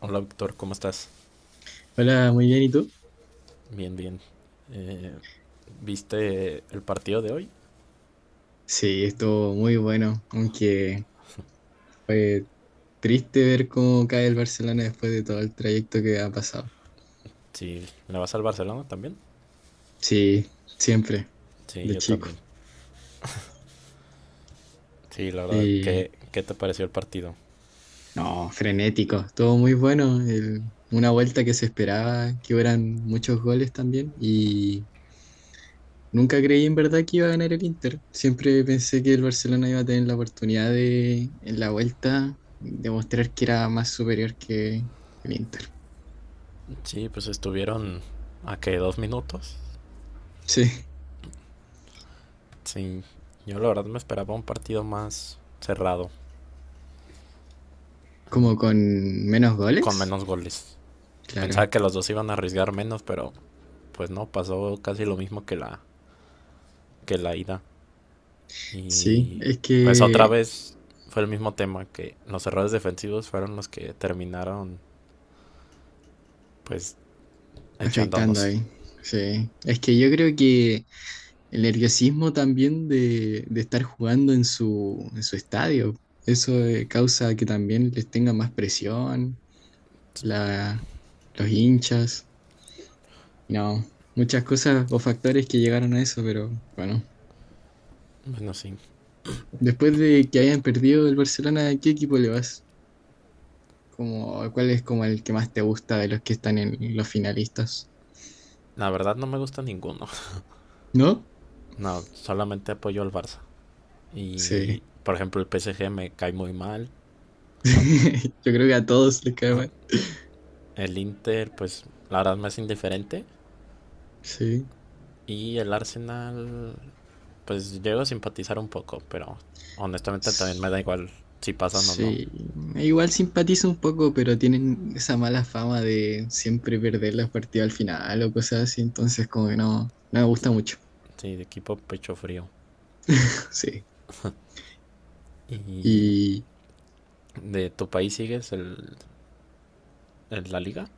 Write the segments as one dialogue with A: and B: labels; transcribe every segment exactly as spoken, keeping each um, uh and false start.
A: Hola, Víctor, ¿cómo estás?
B: Hola, muy bien, ¿y tú?
A: Bien, bien. Eh, ¿viste el partido de hoy?
B: Sí, estuvo muy bueno, aunque fue triste ver cómo cae el Barcelona después de todo el trayecto que ha pasado.
A: Sí, ¿le vas al Barcelona también?
B: Sí, siempre,
A: Sí,
B: de
A: yo
B: chico.
A: también. Sí, la verdad,
B: Y
A: ¿qué, qué te pareció el partido?
B: no, frenético, estuvo muy bueno. El- una vuelta que se esperaba que hubieran muchos goles también. Y nunca creí en verdad que iba a ganar el Inter. Siempre pensé que el Barcelona iba a tener la oportunidad de, en la vuelta, demostrar que era más superior que el Inter.
A: Sí, pues estuvieron a que dos minutos.
B: Sí,
A: Sí, yo la verdad me esperaba un partido más cerrado, mm,
B: como con menos
A: con
B: goles.
A: menos goles. Pensaba
B: Claro.
A: que los dos iban a arriesgar menos, pero pues no, pasó casi lo mismo que la, que la ida.
B: Sí,
A: Y
B: es
A: pues otra
B: que
A: vez fue el mismo tema que los errores defensivos fueron los que terminaron pues
B: afectando
A: echándonos.
B: ahí. Sí. Es que yo creo que el nerviosismo también de, de estar jugando en su, en su estadio, eso eh, causa que también les tenga más presión, la, los hinchas. No, muchas cosas o factores que llegaron a eso, pero bueno.
A: Bueno, sí.
B: Después de que hayan perdido el Barcelona, ¿a qué equipo le vas? Como, ¿cuál es como el que más te gusta de los que están en los finalistas?
A: La verdad no me gusta ninguno.
B: ¿No?
A: No, solamente apoyo al Barça. Y
B: Sí.
A: por ejemplo el P S G me cae muy mal.
B: Yo creo que a todos les cae mal.
A: El Inter pues la verdad me es indiferente.
B: Sí.
A: Y el Arsenal pues llego a simpatizar un poco, pero honestamente también me
B: S-
A: da igual si pasan o no.
B: Sí. Igual simpatizo un poco, pero tienen esa mala fama de siempre perder los partidos al final o cosas así. Entonces, como que no, no me gusta mucho.
A: Sí, de equipo pecho frío.
B: Sí.
A: Y
B: Y
A: de tu país sigues el ¿En la liga?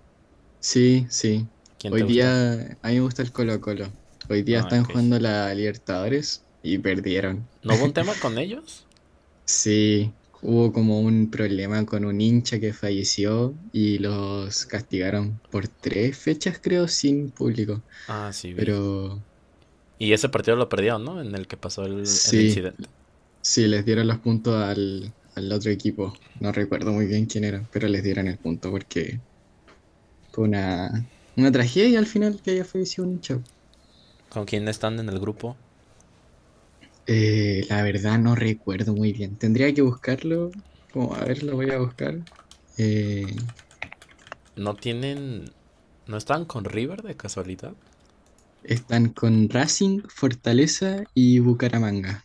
B: sí, sí.
A: ¿Quién
B: Hoy
A: te gusta?
B: día a mí me gusta el Colo-Colo. Hoy día
A: Ah,
B: están
A: ok.
B: jugando la Libertadores y perdieron.
A: ¿No hubo un tema con ellos?
B: Sí, hubo como un problema con un hincha que falleció y los castigaron por tres fechas, creo, sin público.
A: Ah, sí, vi.
B: Pero
A: Y ese partido lo perdieron, ¿no? En el que pasó el, el
B: sí,
A: incidente.
B: sí, les dieron los puntos al, al otro equipo. No recuerdo muy bien quién era, pero les dieron el punto porque fue una, una tragedia al final que haya fallecido un hincha.
A: ¿Con quién están en el grupo?
B: Eh, la verdad no recuerdo muy bien. Tendría que buscarlo. Como, a ver, lo voy a buscar. Eh,
A: ¿No tienen... ¿No están con River de casualidad?
B: Están con Racing, Fortaleza y Bucaramanga.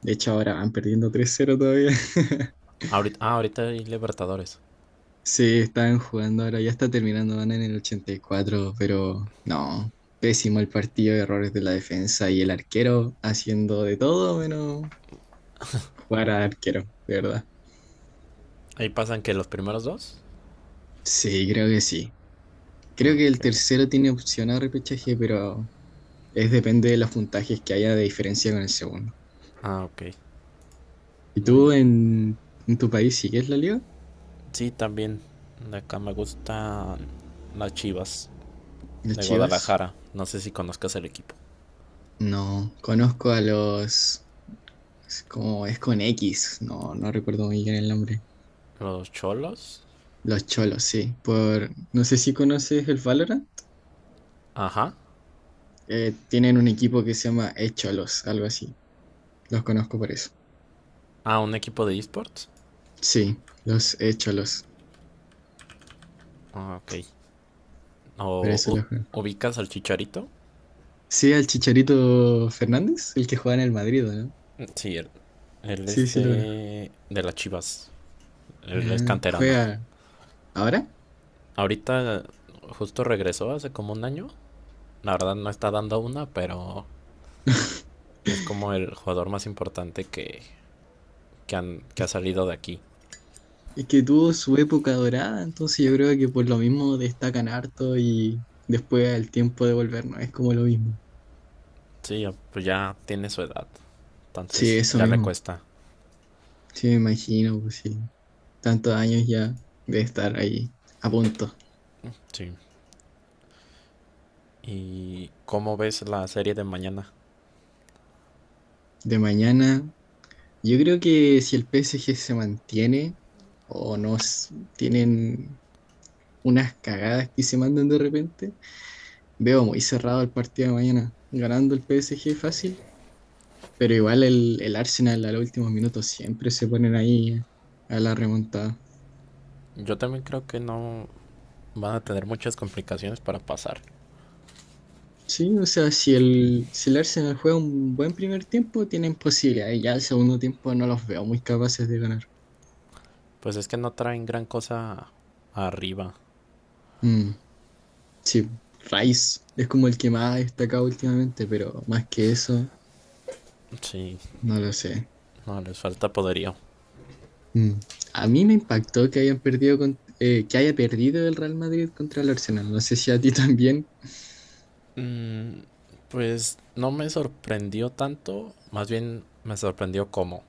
B: De hecho, ahora van perdiendo tres cero todavía.
A: Ahorita, ah, ahorita hay Libertadores.
B: Sí, están jugando ahora, ya está terminando, van en el ochenta y cuatro, pero no, pésimo el partido, errores de la defensa y el arquero haciendo de todo menos jugar al arquero, de verdad.
A: Ahí pasan que los primeros dos.
B: Sí, creo que sí. Creo que
A: Ok.
B: el tercero tiene opción a repechaje, pero es depende de los puntajes que haya de diferencia con el segundo.
A: Ah, ok.
B: ¿Y
A: No, yo...
B: tú en, en tu país sigues la liga?
A: Sí, también. De acá me gustan las Chivas
B: ¿Las
A: de
B: Chivas?
A: Guadalajara. No sé si conozcas el equipo.
B: No, conozco a los, es como es con X, no, no recuerdo muy bien el nombre.
A: Los Cholos.
B: Los Cholos, sí. Por, no sé si conoces el Valorant.
A: Ajá.
B: Eh, tienen un equipo que se llama E-Cholos, algo así. Los conozco por eso.
A: Ah, un equipo de esports.
B: Sí, los E-Cholos,
A: Ah, ok.
B: por
A: ¿O
B: eso
A: u-
B: los conozco.
A: ubicas al Chicharito?
B: Sí, al Chicharito Fernández, el que juega en el Madrid, ¿o no?
A: Sí, él, él
B: Sí,
A: es
B: sí lo conozco.
A: de, de las Chivas. Él es
B: Ah,
A: canterano.
B: ¿juega ahora?
A: Ahorita justo regresó hace como un año. La verdad no está dando una, pero es como el jugador más importante que, que, han- que ha
B: Es
A: salido de aquí.
B: Es que tuvo su época dorada, entonces yo creo que por lo mismo destacan harto y después el tiempo de volver no es como lo mismo.
A: Sí, ya- pues ya tiene su edad.
B: Sí,
A: Entonces
B: eso
A: ya le
B: mismo.
A: cuesta.
B: Sí, me imagino, pues sí. Tantos años ya de estar ahí a punto.
A: Sí. ¿Y cómo ves la serie de mañana?
B: De mañana, yo creo que si el P S G se mantiene o no, s- tienen unas cagadas que se mandan de repente, veo muy cerrado el partido de mañana. Ganando el P S G fácil. Pero igual el, el Arsenal a los últimos minutos siempre se ponen ahí a la remontada.
A: Yo también creo que no van a tener muchas complicaciones para pasar.
B: Sí, o sea, si el, si el Arsenal juega un buen primer tiempo, tienen posibilidades. Ya el segundo tiempo no los veo muy capaces de ganar.
A: Pues es que no traen gran cosa arriba.
B: Mm, sí, Rice es como el que más ha destacado últimamente, pero más que eso,
A: Sí,
B: no lo sé.
A: no les falta poderío.
B: Mm. A mí me impactó que hayan perdido con- eh, que haya perdido el Real Madrid contra el Arsenal. No sé si a ti también.
A: Mm, pues no me sorprendió tanto, más bien me sorprendió cómo.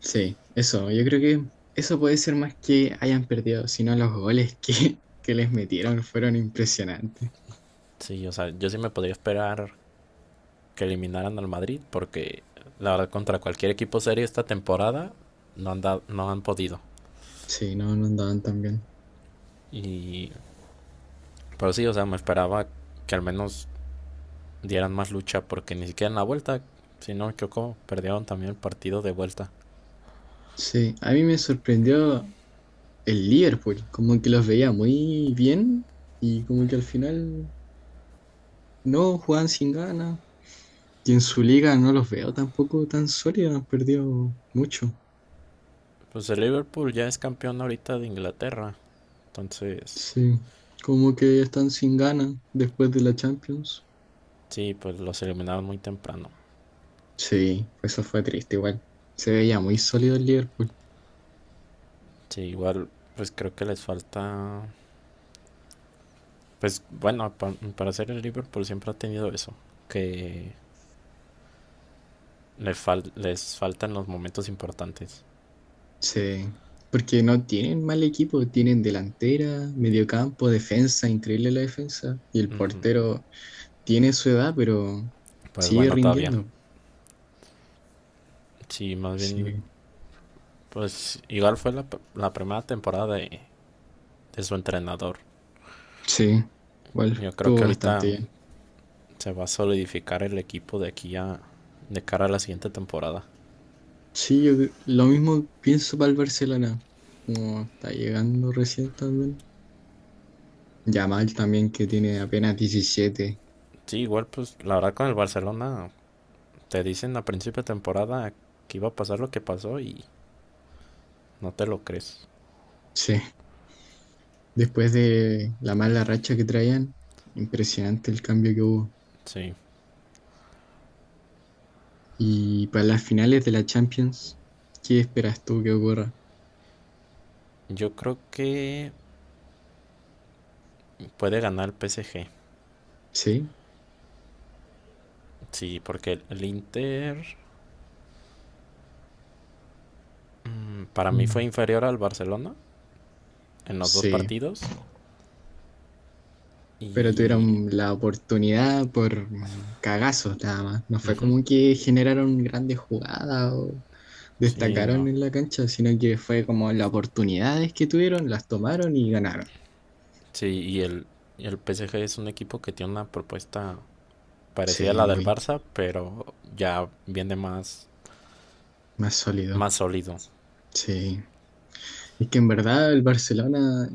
B: Sí, eso, yo creo que eso puede ser más que hayan perdido, sino los goles que, que les metieron fueron impresionantes.
A: Sí, o sea, yo sí me podría esperar que eliminaran al Madrid porque la verdad contra cualquier equipo serio esta temporada no han, dado- no han podido.
B: Sí, no, no andaban tan bien.
A: Y pero sí, o sea, me esperaba que al menos dieran más lucha porque ni siquiera en la vuelta, si no me equivoco, perdieron también el partido de vuelta.
B: Sí, a mí me sorprendió el Liverpool, como que los veía muy bien y como que al final no jugaban sin ganas. Y en su liga no los veo tampoco tan sólidos, han perdido mucho.
A: Pues el Liverpool ya es campeón ahorita de Inglaterra. Entonces,
B: Sí, como que están sin ganas después de la Champions.
A: sí, pues los eliminaron muy temprano.
B: Sí, eso fue triste igual. Se veía muy sólido el Liverpool.
A: Sí, igual, pues creo que les falta. Pues bueno, pa- para ser el Liverpool siempre ha tenido eso. Que le fal- les faltan los momentos importantes.
B: Sí, porque no tienen mal equipo, tienen delantera, mediocampo, defensa, increíble la defensa. Y el
A: Ujú.
B: portero tiene su edad, pero
A: Pues
B: sigue
A: bueno, todavía.
B: rindiendo.
A: Sí, más bien,
B: Sí,
A: pues igual fue la, p- la primera temporada de, de su entrenador.
B: sí, igual
A: Yo creo que
B: estuvo
A: ahorita
B: bastante bien.
A: se va a solidificar el equipo de aquí a, de cara a la siguiente temporada.
B: Sí, yo cre- lo mismo pienso para el Barcelona, como está llegando recién también. Yamal también que tiene apenas diecisiete.
A: Sí, igual, pues la verdad con el Barcelona te dicen a principio de temporada que iba a pasar lo que pasó y no te lo crees.
B: Sí, después de la mala racha que traían, impresionante el cambio que hubo.
A: Sí,
B: Y para las finales de la Champions, ¿qué esperas tú que ocurra?
A: yo creo que puede ganar el P S G.
B: ¿Sí?
A: Sí, porque el, el Inter mm, para mí fue
B: Mm.
A: inferior al Barcelona en los dos
B: Sí,
A: partidos
B: pero
A: y...
B: tuvieron la oportunidad por mm, cagazos nada más. No fue
A: ujú,
B: como que generaron grandes jugadas o
A: sí,
B: destacaron
A: no.
B: en la cancha, sino que fue como las oportunidades que tuvieron, las tomaron y ganaron.
A: Sí, y el, y el P S G es un equipo que tiene una propuesta parecida a
B: Sí,
A: la del
B: muy
A: Barça, pero ya viene más,
B: más sólido.
A: más sólido.
B: Sí, es que en verdad el Barcelona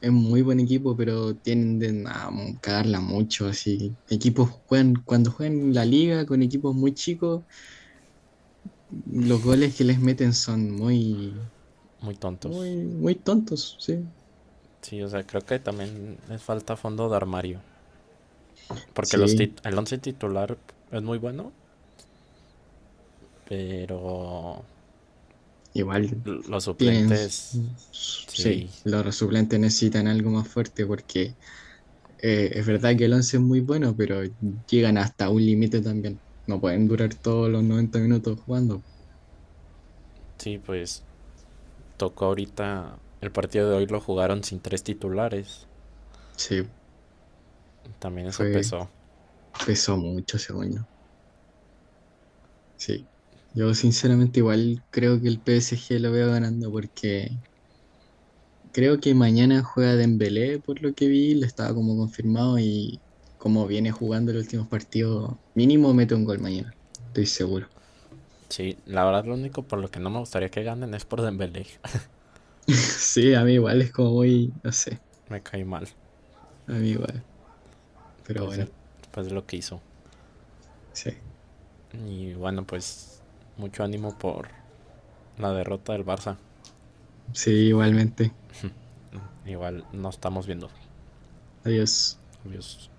B: es muy buen equipo, pero tienden a m- cagarla mucho, así. Equipos juegan, cuando juegan la liga con equipos muy chicos, los goles que les meten son muy,
A: Muy
B: muy,
A: tontos.
B: muy tontos, sí.
A: Sí, o sea, creo que también les falta fondo de armario. Porque los
B: Sí,
A: tit- el once titular es muy bueno, pero
B: igual
A: l- los
B: tienen, s-
A: suplentes,
B: s-
A: sí,
B: sí, los suplentes necesitan algo más fuerte porque eh, es verdad que el once es muy bueno, pero llegan hasta un límite también. No pueden durar todos los noventa minutos jugando.
A: sí, pues tocó ahorita. El partido de hoy lo jugaron sin tres titulares.
B: Sí,
A: También eso
B: fue,
A: pesó.
B: pesó mucho, según yo. Sí, yo sinceramente igual creo que el P S G lo veo ganando porque creo que mañana juega Dembélé, por lo que vi, lo estaba como confirmado y como viene jugando los últimos partidos, mínimo mete un gol mañana, estoy seguro.
A: Sí, la verdad lo único por lo que no me gustaría que ganen es por Dembélé.
B: Sí, a mí igual es como muy, no sé,
A: Me cae mal,
B: a mí igual, pero
A: pues de,
B: bueno,
A: pues de lo que hizo.
B: sí,
A: Y bueno, pues mucho ánimo por la derrota del Barça.
B: sí, igualmente,
A: Igual no estamos viendo.
B: adiós.
A: Adiós.